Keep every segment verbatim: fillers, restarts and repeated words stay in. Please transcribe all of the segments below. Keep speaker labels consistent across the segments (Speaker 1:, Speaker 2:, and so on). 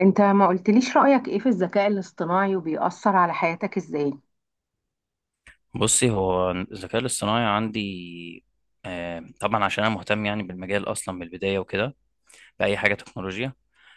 Speaker 1: انت ما قلتليش رأيك ايه في الذكاء الاصطناعي وبيأثر على حياتك ازاي؟
Speaker 2: بصي، هو الذكاء الاصطناعي عندي آه، طبعا، عشان انا مهتم يعني بالمجال اصلا من البدايه وكده. باي حاجه تكنولوجيا.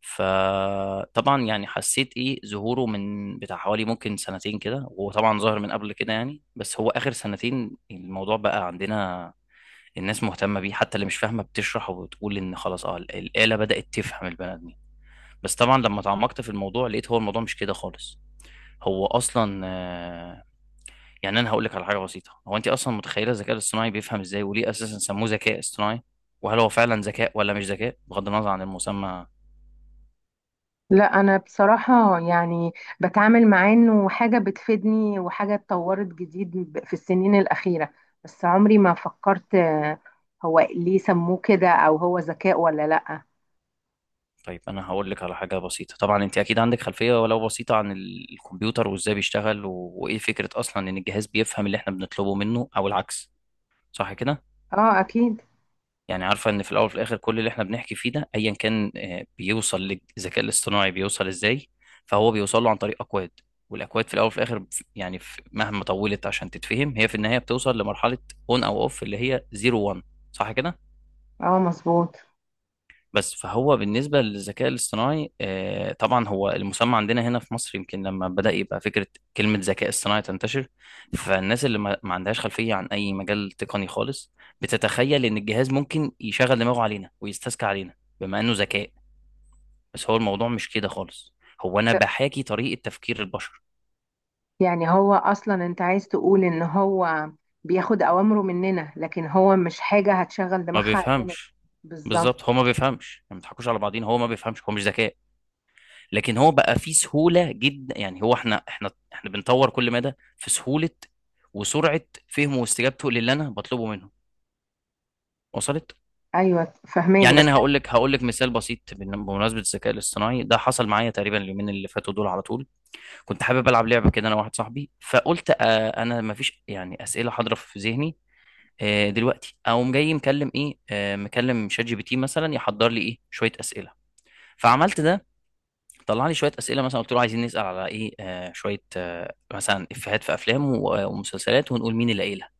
Speaker 2: فطبعا يعني حسيت ايه ظهوره من بتاع حوالي ممكن سنتين كده، وهو طبعا ظاهر من قبل كده يعني، بس هو اخر سنتين الموضوع بقى عندنا. الناس مهتمه بيه، حتى اللي مش فاهمه بتشرح وبتقول ان خلاص اه الاله بدات تفهم البني ادمين. بس طبعا لما تعمقت في الموضوع لقيت هو الموضوع مش كده خالص. هو اصلا آه، يعني انا هقول لك على حاجه بسيطه، هو انت اصلا متخيله الذكاء الاصطناعي بيفهم ازاي، وليه اساسا سموه ذكاء اصطناعي، وهل هو فعلا ذكاء ولا مش ذكاء بغض النظر عن المسمى؟
Speaker 1: لا انا بصراحة يعني بتعامل معاه انه حاجة بتفيدني وحاجة اتطورت جديد ب- في السنين الأخيرة. بس عمري ما فكرت آه، هو ليه سموه كده او هو ذكاء ولا لا.
Speaker 2: طيب انا هقول لك على حاجه بسيطه. طبعا انت اكيد عندك خلفيه ولو بسيطه عن ال- الكمبيوتر وازاي بيشتغل و... وايه فكره اصلا ان الجهاز بيفهم اللي احنا بنطلبه منه او العكس، صح كده؟
Speaker 1: اه اكيد.
Speaker 2: يعني عارفة ان في الاول وفي الاخر كل اللي احنا بنحكي فيه ده ايا كان، آه، بيوصل للذكاء الاصطناعي، بيوصل ازاي؟ فهو بيوصل له عن طريق اكواد. والاكواد في الاول وفي الاخر ف- يعني في- مهما طولت عشان تتفهم، هي في النهاية بتوصل لمرحلة اون او اوف، اللي هي صفر واحد. صح كده؟
Speaker 1: اه مظبوط.
Speaker 2: بس فهو بالنسبة للذكاء الاصطناعي، آه، طبعا هو المسمى عندنا هنا في مصر يمكن لما بدأ يبقى فكرة، كلمة ذكاء اصطناعي تنتشر، فالناس اللي ما ما عندهاش خلفية عن أي مجال تقني خالص بتتخيل إن الجهاز ممكن يشغل دماغه علينا ويستذكى علينا بما إنه ذكاء. بس هو الموضوع مش كده خالص، هو أنا بحاكي طريقة تفكير البشر.
Speaker 1: يعني هو اصلا انت عايز تقول ان هو بياخد اوامره مننا لكن هو مش حاجة هتشغل
Speaker 2: ما
Speaker 1: دماغها علينا.
Speaker 2: بيفهمش.
Speaker 1: بالظبط.
Speaker 2: بالظبط، هو ما بيفهمش. يعني ما تضحكوش على بعضين، هو ما بيفهمش، هو مش ذكاء. لكن هو بقى فيه سهولة جدا، يعني هو احنا، احنا احنا بنطور كل مدى في سهولة وسرعة فهمه واستجابته للي انا بطلبه منه. وصلت؟
Speaker 1: ايوه فهماك.
Speaker 2: يعني
Speaker 1: بس
Speaker 2: انا هقول لك هقول لك مثال بسيط بن- بمناسبة الذكاء الاصطناعي ده. حصل معايا تقريبا اليومين اللي فاتوا دول على طول. كنت حابب العب لعبة كده انا واحد صاحبي، فقلت آه انا مفيش يعني أسئلة حاضرة في ذهني. آه دلوقتي اقوم جاي مكلم ايه آه مكلم شات جي بي تي مثلا يحضر لي ايه شوية أسئلة. فعملت ده. طلع لي شويه اسئله، مثلا قلت له عايزين نسال على ايه، آه شويه آه مثلا افيهات في افلام و- ومسلسلات، ونقول مين اللي قايلها.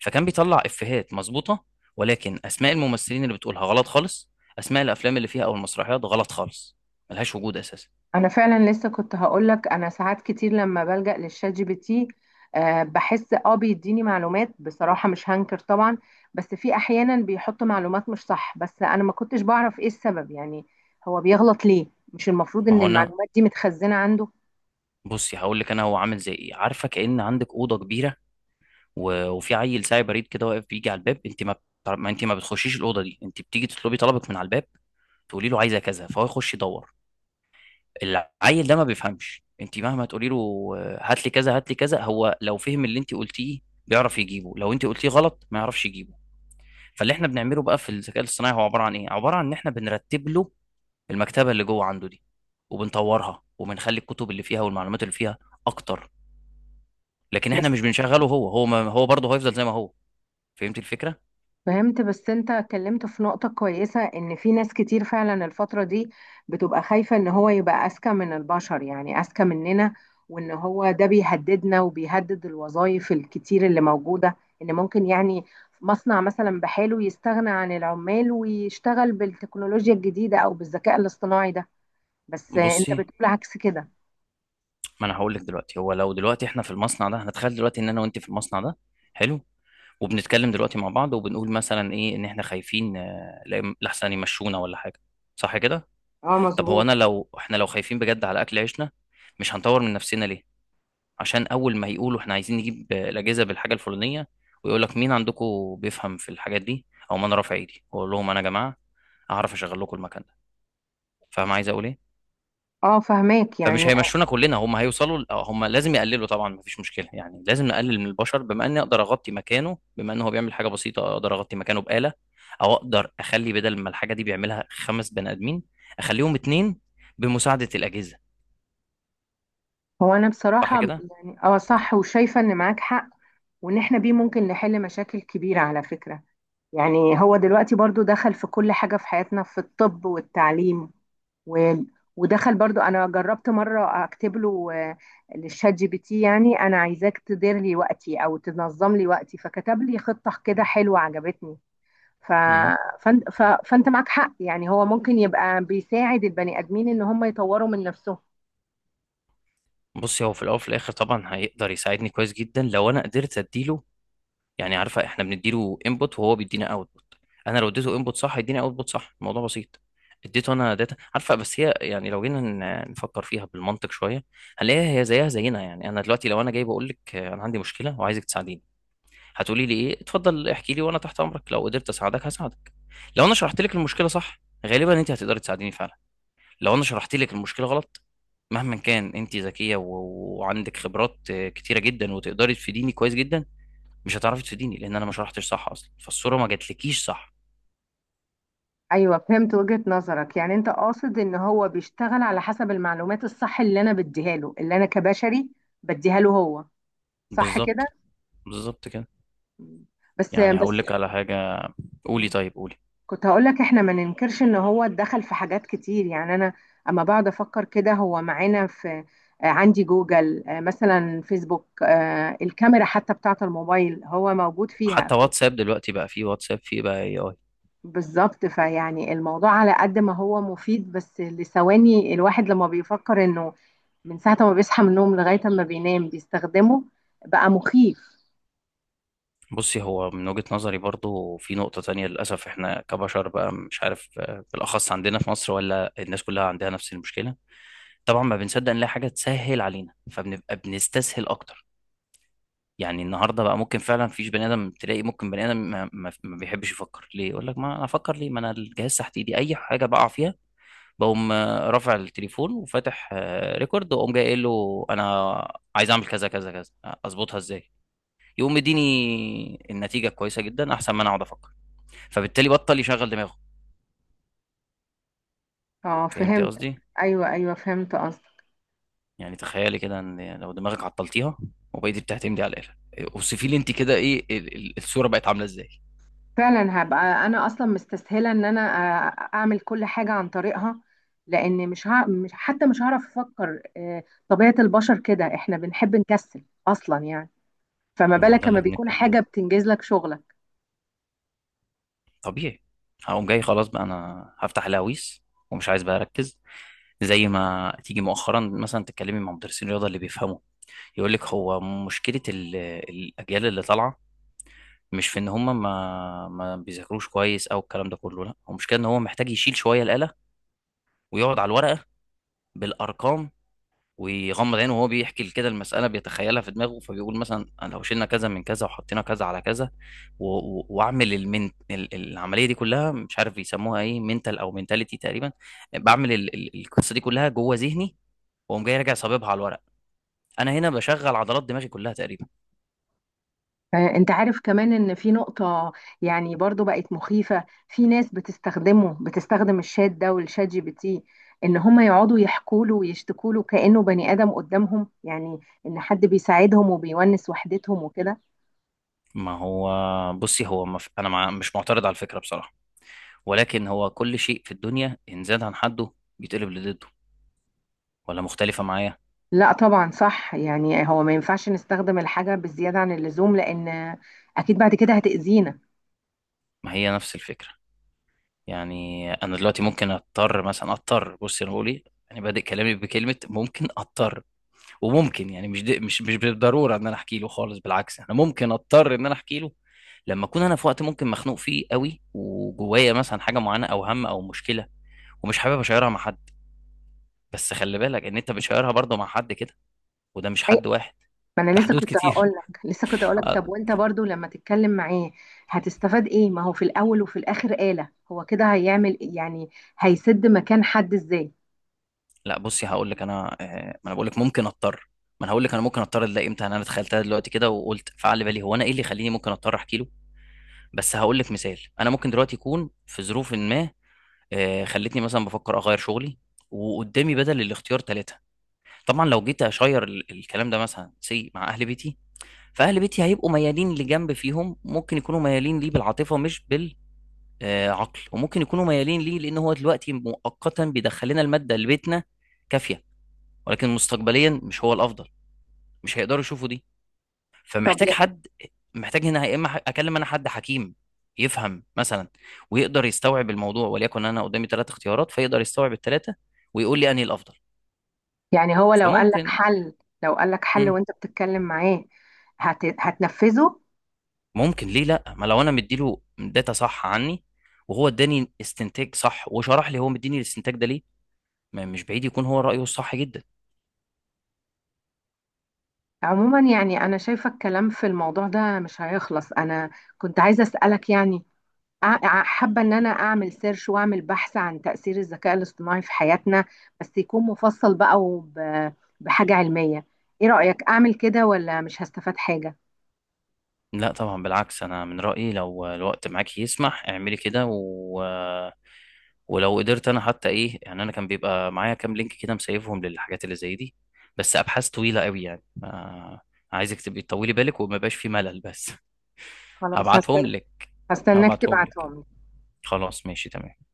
Speaker 2: فكان بيطلع افيهات مظبوطه، ولكن اسماء الممثلين اللي بتقولها غلط خالص، اسماء الافلام اللي فيها او المسرحيات غلط خالص، ملهاش وجود اساسا.
Speaker 1: انا فعلا لسه كنت هقولك انا ساعات كتير لما بلجأ للشات جي بي تي، آه، بحس اه بيديني معلومات، بصراحة مش هنكر طبعا. بس في احيانا بيحط معلومات مش صح، بس انا ما كنتش بعرف ايه السبب، يعني هو بيغلط ليه؟ مش المفروض
Speaker 2: ما
Speaker 1: ان
Speaker 2: هو انا،
Speaker 1: المعلومات دي متخزنة عنده؟
Speaker 2: بصي هقول لك، انا هو عامل زي ايه، عارفه؟ كأن عندك اوضه كبيره، و- وفي عيل ساعي بريد كده واقف بيجي على الباب. انت ما بتع- ما انت ما بتخشيش الاوضه دي، انت بتيجي تطلبي طلبك من على الباب، تقولي له عايزه كذا، فهو يخش يدور. العيل ده ما بيفهمش. انت مهما تقولي له، آه، هات لي كذا هات لي كذا، هو لو فهم اللي انت قلتيه بيعرف يجيبه، لو انت قلتيه غلط ما يعرفش يجيبه. فاللي احنا بنعمله بقى في الذكاء الاصطناعي هو عباره عن ايه؟ عباره عن ان احنا بنرتب له المكتبه اللي جوه عنده دي، وبنطورها، وبنخلي الكتب اللي فيها والمعلومات اللي فيها اكتر. لكن احنا مش بنشغله، هو هو ما هو برضه هيفضل زي ما هو. فهمت الفكره؟
Speaker 1: فهمت. بس انت اتكلمت في نقطة كويسة، ان في ناس كتير فعلا الفترة دي بتبقى خايفة ان هو يبقى اذكى من البشر، يعني اذكى مننا، وان هو ده بيهددنا وبيهدد الوظائف الكتير اللي موجودة. ان ممكن يعني مصنع مثلا بحاله يستغنى عن العمال ويشتغل بالتكنولوجيا الجديدة او بالذكاء الاصطناعي ده. بس انت
Speaker 2: بصي
Speaker 1: بتقول عكس كده.
Speaker 2: ما انا هقول لك دلوقتي، هو لو دلوقتي احنا في المصنع ده، هنتخيل دلوقتي ان انا وانت في المصنع ده، حلو؟ وبنتكلم دلوقتي مع بعض، وبنقول مثلا ايه، ان احنا خايفين، آه، لا- لحسن يمشونا ولا حاجه، صح كده؟
Speaker 1: اه
Speaker 2: طب هو
Speaker 1: مظبوط.
Speaker 2: انا، لو احنا لو خايفين بجد على اكل عيشنا، مش هنطور من نفسنا ليه؟ عشان اول ما يقولوا احنا عايزين نجيب، آه، الاجهزه بالحاجه الفلانيه، ويقول لك مين عندكم بيفهم في الحاجات دي، او ما انا رافع ايدي واقول لهم انا يا جماعه اعرف اشغل لكم المكان ده. فاهم عايز اقول ايه؟
Speaker 1: اه فهماك
Speaker 2: فمش
Speaker 1: يعني.
Speaker 2: هيمشونا كلنا، هم هيوصلوا، هم لازم يقللوا طبعا، مفيش مشكله يعني، لازم نقلل من البشر، بما اني اقدر اغطي مكانه، بما ان هو بيعمل حاجه بسيطه اقدر اغطي مكانه بآلة، او اقدر اخلي بدل ما الحاجه دي بيعملها خمس بني ادمين، اخليهم اتنين بمساعده الاجهزه.
Speaker 1: هو انا
Speaker 2: صح
Speaker 1: بصراحة
Speaker 2: كده؟
Speaker 1: يعني اه صح، وشايفة ان معاك حق. وان احنا بيه ممكن نحل مشاكل كبيرة على فكرة. يعني هو دلوقتي برضو دخل في كل حاجة في حياتنا، في الطب والتعليم و... ودخل برضو. انا جربت مرة اكتب له، آه، للشات جي بي تي، يعني انا عايزاك تدير لي وقتي او تنظم لي وقتي، فكتب لي خطة كده حلوة عجبتني. ف...
Speaker 2: امم
Speaker 1: فانت... ف... فانت معك حق، يعني هو ممكن يبقى بيساعد البني ادمين ان هم يطوروا من نفسهم.
Speaker 2: بص، هو في الاول وفي الاخر طبعا هيقدر يساعدني كويس جدا لو انا قدرت اديله. يعني عارفه، احنا بنديله انبوت وهو بيدينا اوتبوت. انا لو اديته انبوت صح يديني اوتبوت صح، الموضوع بسيط. اديته انا داتا، عارفه، بس هي يعني لو جينا ن- نفكر فيها بالمنطق شويه، هنلاقيها هي زيها زينا. يعني انا دلوقتي لو انا جاي بقول لك، آه، انا عندي مشكله وعايزك تساعديني، هتقولي لي ايه؟ اتفضل احكي لي، وانا تحت امرك، لو قدرت اساعدك هساعدك. لو انا شرحت لك المشكله صح، غالبا انت هتقدري تساعديني فعلا. لو انا شرحت لك المشكله غلط، مهما كان انت ذكيه و- وعندك خبرات آه، كتيره جدا، وتقدري تفيديني كويس جدا، مش هتعرفي تفيديني، لان انا ما شرحتش صح اصلا، فالصوره ما جاتلكيش صح.
Speaker 1: ايوه فهمت وجهة نظرك، يعني انت قاصد ان هو بيشتغل على حسب المعلومات الصح اللي انا بديها له، اللي انا كبشري بديها له هو، صح
Speaker 2: بالظبط.
Speaker 1: كده؟
Speaker 2: بالظبط كده.
Speaker 1: مم. بس
Speaker 2: يعني هقول
Speaker 1: بس
Speaker 2: لك على حاجه. قولي، طيب قولي.
Speaker 1: كنت هقول لك، احنا ما ننكرش ان هو اتدخل في حاجات كتير. يعني انا اما بقعد افكر كده هو معانا في، آه، عندي جوجل، آه، مثلا فيسبوك، آه، الكاميرا حتى بتاعة الموبايل هو موجود فيها.
Speaker 2: حتى واتساب دلوقتي بقى فيه، واتساب فيه بقى اي اي.
Speaker 1: بالظبط. فيعني الموضوع على قد ما هو مفيد، بس لثواني الواحد لما بيفكر انه من ساعة ما بيصحى من النوم لغاية ما بينام بيستخدمه، بقى مخيف.
Speaker 2: بصي، هو من وجهة نظري برضو في نقطة تانية للأسف. إحنا كبشر بقى، مش عارف، آه، بالأخص عندنا في مصر، ولا الناس كلها عندها نفس المشكلة، طبعا ما بنصدق نلاقي حاجة تسهل علينا فبنبقى بنستسهل أكتر. يعني النهارده بقى ممكن فعلا فيش بني ادم، تلاقي ممكن بني ادم ما, ما ما بيحبش يفكر ليه، يقول لك ما انا افكر ليه، ما انا الجهاز تحت ايدي اي حاجه بقع فيها، بقوم آه، رافع التليفون وفاتح آه، ريكورد واقوم جاي قايل له انا عايز اعمل كذا كذا كذا، اظبطها ازاي، يقوم مديني النتيجه كويسه جدا احسن ما انا اقعد افكر. فبالتالي بطل يشغل دماغه.
Speaker 1: اه
Speaker 2: فهمتي
Speaker 1: فهمت.
Speaker 2: قصدي؟
Speaker 1: ايوه ايوه فهمت قصدك.
Speaker 2: يعني تخيلي كده ان، يعني لو دماغك عطلتيها وبقيتي بتعتمدي على الاله، اوصفي لي انت كده ايه ال- ال- الصوره بقت عامله ازاي.
Speaker 1: فعلا هبقى انا اصلا مستسهلة ان انا آه، اعمل كل حاجة عن طريقها، لان مش, ها... مش حتى مش هعرف افكر. آه، طبيعة البشر كده، احنا بنحب نكسل اصلا يعني، فما
Speaker 2: ما هو ده
Speaker 1: بالك
Speaker 2: اللي
Speaker 1: لما بيكون
Speaker 2: بنتكلم
Speaker 1: حاجة
Speaker 2: عنه،
Speaker 1: بتنجز لك شغلك.
Speaker 2: طبيعي. هقوم جاي خلاص بقى، انا هفتح الهويس، ومش عايز بقى اركز. زي ما تيجي مؤخرا مثلا تتكلمي مع مدرسين الرياضه اللي بيفهموا، يقول لك هو مشكلة ال- الأجيال اللي طالعة مش في إن هم ما ما بيذاكروش كويس أو الكلام ده كله، لا هو مشكلة إن هو محتاج يشيل شوية الآلة ويقعد على الورقة بالأرقام. ويغمض عينه وهو بيحكي كده المسألة بيتخيلها في دماغه، فبيقول مثلا أنا لو شلنا كذا من كذا وحطينا كذا على كذا، و- و- وأعمل المن ال- ال- العملية دي كلها، مش عارف يسموها إيه، منتال أو منتاليتي تقريبا. بعمل ال- ال- القصة دي كلها جوه ذهني، وأقوم جاي راجع صاببها على الورق. أنا هنا بشغل عضلات دماغي كلها تقريبا.
Speaker 1: آه، انت عارف كمان ان في نقطة يعني برضو بقت مخيفة، في ناس بتستخدمه، بتستخدم الشات ده والشات جي بي تي، ان هم يقعدوا يحكوا له ويشتكوا له كأنه بني آدم قدامهم، يعني ان حد بيساعدهم وبيونس وحدتهم وكده.
Speaker 2: ما هو بصي، هو مف... انا مع... مش معترض على الفكره بصراحه، ولكن هو كل شيء في الدنيا ان زاد عن حده بيتقلب لضده، ولا مختلفه معايا؟
Speaker 1: لا طبعا صح، يعني هو ما ينفعش نستخدم الحاجة بالزيادة عن اللزوم، لان اكيد بعد كده هتأذينا.
Speaker 2: ما هي نفس الفكره. يعني انا دلوقتي ممكن اضطر، مثلا اضطر، بصي انا بقول ايه، يعني بادئ كلامي بكلمه ممكن اضطر، وممكن يعني، مش دي... مش مش بالضروره ان انا احكي له خالص، بالعكس انا ممكن اضطر ان انا احكي له لما اكون انا في وقت ممكن مخنوق فيه قوي، وجوايا مثلا حاجه معينه او هم او مشكله ومش حابب اشيرها مع حد، بس خلي بالك ان انت بتشيرها برضه مع حد كده، وده مش حد واحد،
Speaker 1: ما انا
Speaker 2: ده
Speaker 1: لسه
Speaker 2: حدود
Speaker 1: كنت
Speaker 2: كتير.
Speaker 1: هقول لك لسه كنت هقول لك طب
Speaker 2: آه،
Speaker 1: وانت برضو لما تتكلم معاه هتستفاد ايه؟ ما هو في الاول وفي الاخر آلة، هو كده هيعمل إيه؟ يعني هيسد مكان حد ازاي؟
Speaker 2: لا بصي هقول لك انا، آه، ما انا بقول لك ممكن اضطر. ما انا هقول لك انا ممكن اضطر ده امتى؟ انا تخيلتها دلوقتي كده وقلت فعل بالي هو انا ايه اللي يخليني ممكن اضطر احكي له. بس هقول لك مثال، انا ممكن دلوقتي يكون في ظروف ما آه، خلتني مثلا بفكر اغير شغلي. وقدامي بدل الاختيار ثلاثة. طبعا لو جيت اشير ال- الكلام ده مثلا سي مع اهل بيتي، فاهل بيتي هيبقوا ميالين لجنب، فيهم ممكن يكونوا ميالين ليه بالعاطفة مش بال آه، عقل، وممكن يكونوا ميالين ليه لان هو دلوقتي مؤقتا بيدخل لنا الماده اللي بيتنا كافيه، ولكن مستقبليا مش هو الافضل، مش هيقدروا يشوفوا دي.
Speaker 1: طب
Speaker 2: فمحتاج حد، محتاج هنا يا اما ح- اكلم انا حد حكيم يفهم مثلا، ويقدر يستوعب الموضوع، وليكن انا قدامي ثلاث اختيارات فيقدر يستوعب الثلاثه، ويقول لي انهي الافضل،
Speaker 1: يعني هو لو قال لك
Speaker 2: فممكن.
Speaker 1: حل، لو قال لك حل
Speaker 2: مم،
Speaker 1: وانت بتتكلم معاه، هت... هتنفذه
Speaker 2: ممكن، ليه لا؟ ما لو انا مديله داتا صح عني، وهو اداني استنتاج صح، وشرح لي هو مديني الاستنتاج ده ليه، ما مش بعيد يكون هو رايه الصح جدا.
Speaker 1: عموما يعني انا شايفه الكلام في الموضوع ده مش هيخلص. انا كنت عايزه اسالك يعني، أع- أع- حابة إن أنا أعمل سيرش وأعمل بحث عن تأثير الذكاء الاصطناعي في حياتنا، بس يكون مفصل بقى وب- بحاجة علمية. إيه رأيك أعمل كده ولا مش هستفاد حاجة؟
Speaker 2: لا طبعا بالعكس، انا من رأيي لو الوقت معاك يسمح اعملي كده و... ولو قدرت انا حتى ايه يعني، انا كان بيبقى معايا كام لينك كده مسيفهم للحاجات اللي زي دي، بس ابحاث طويلة قوي يعني ما... عايزك تبقي تطولي بالك وما يبقاش في ملل بس.
Speaker 1: خلاص
Speaker 2: هبعتهم
Speaker 1: هستنى.
Speaker 2: لك
Speaker 1: هستناك
Speaker 2: هبعتهم لك
Speaker 1: تبعتهم لي.
Speaker 2: خلاص ماشي تمام.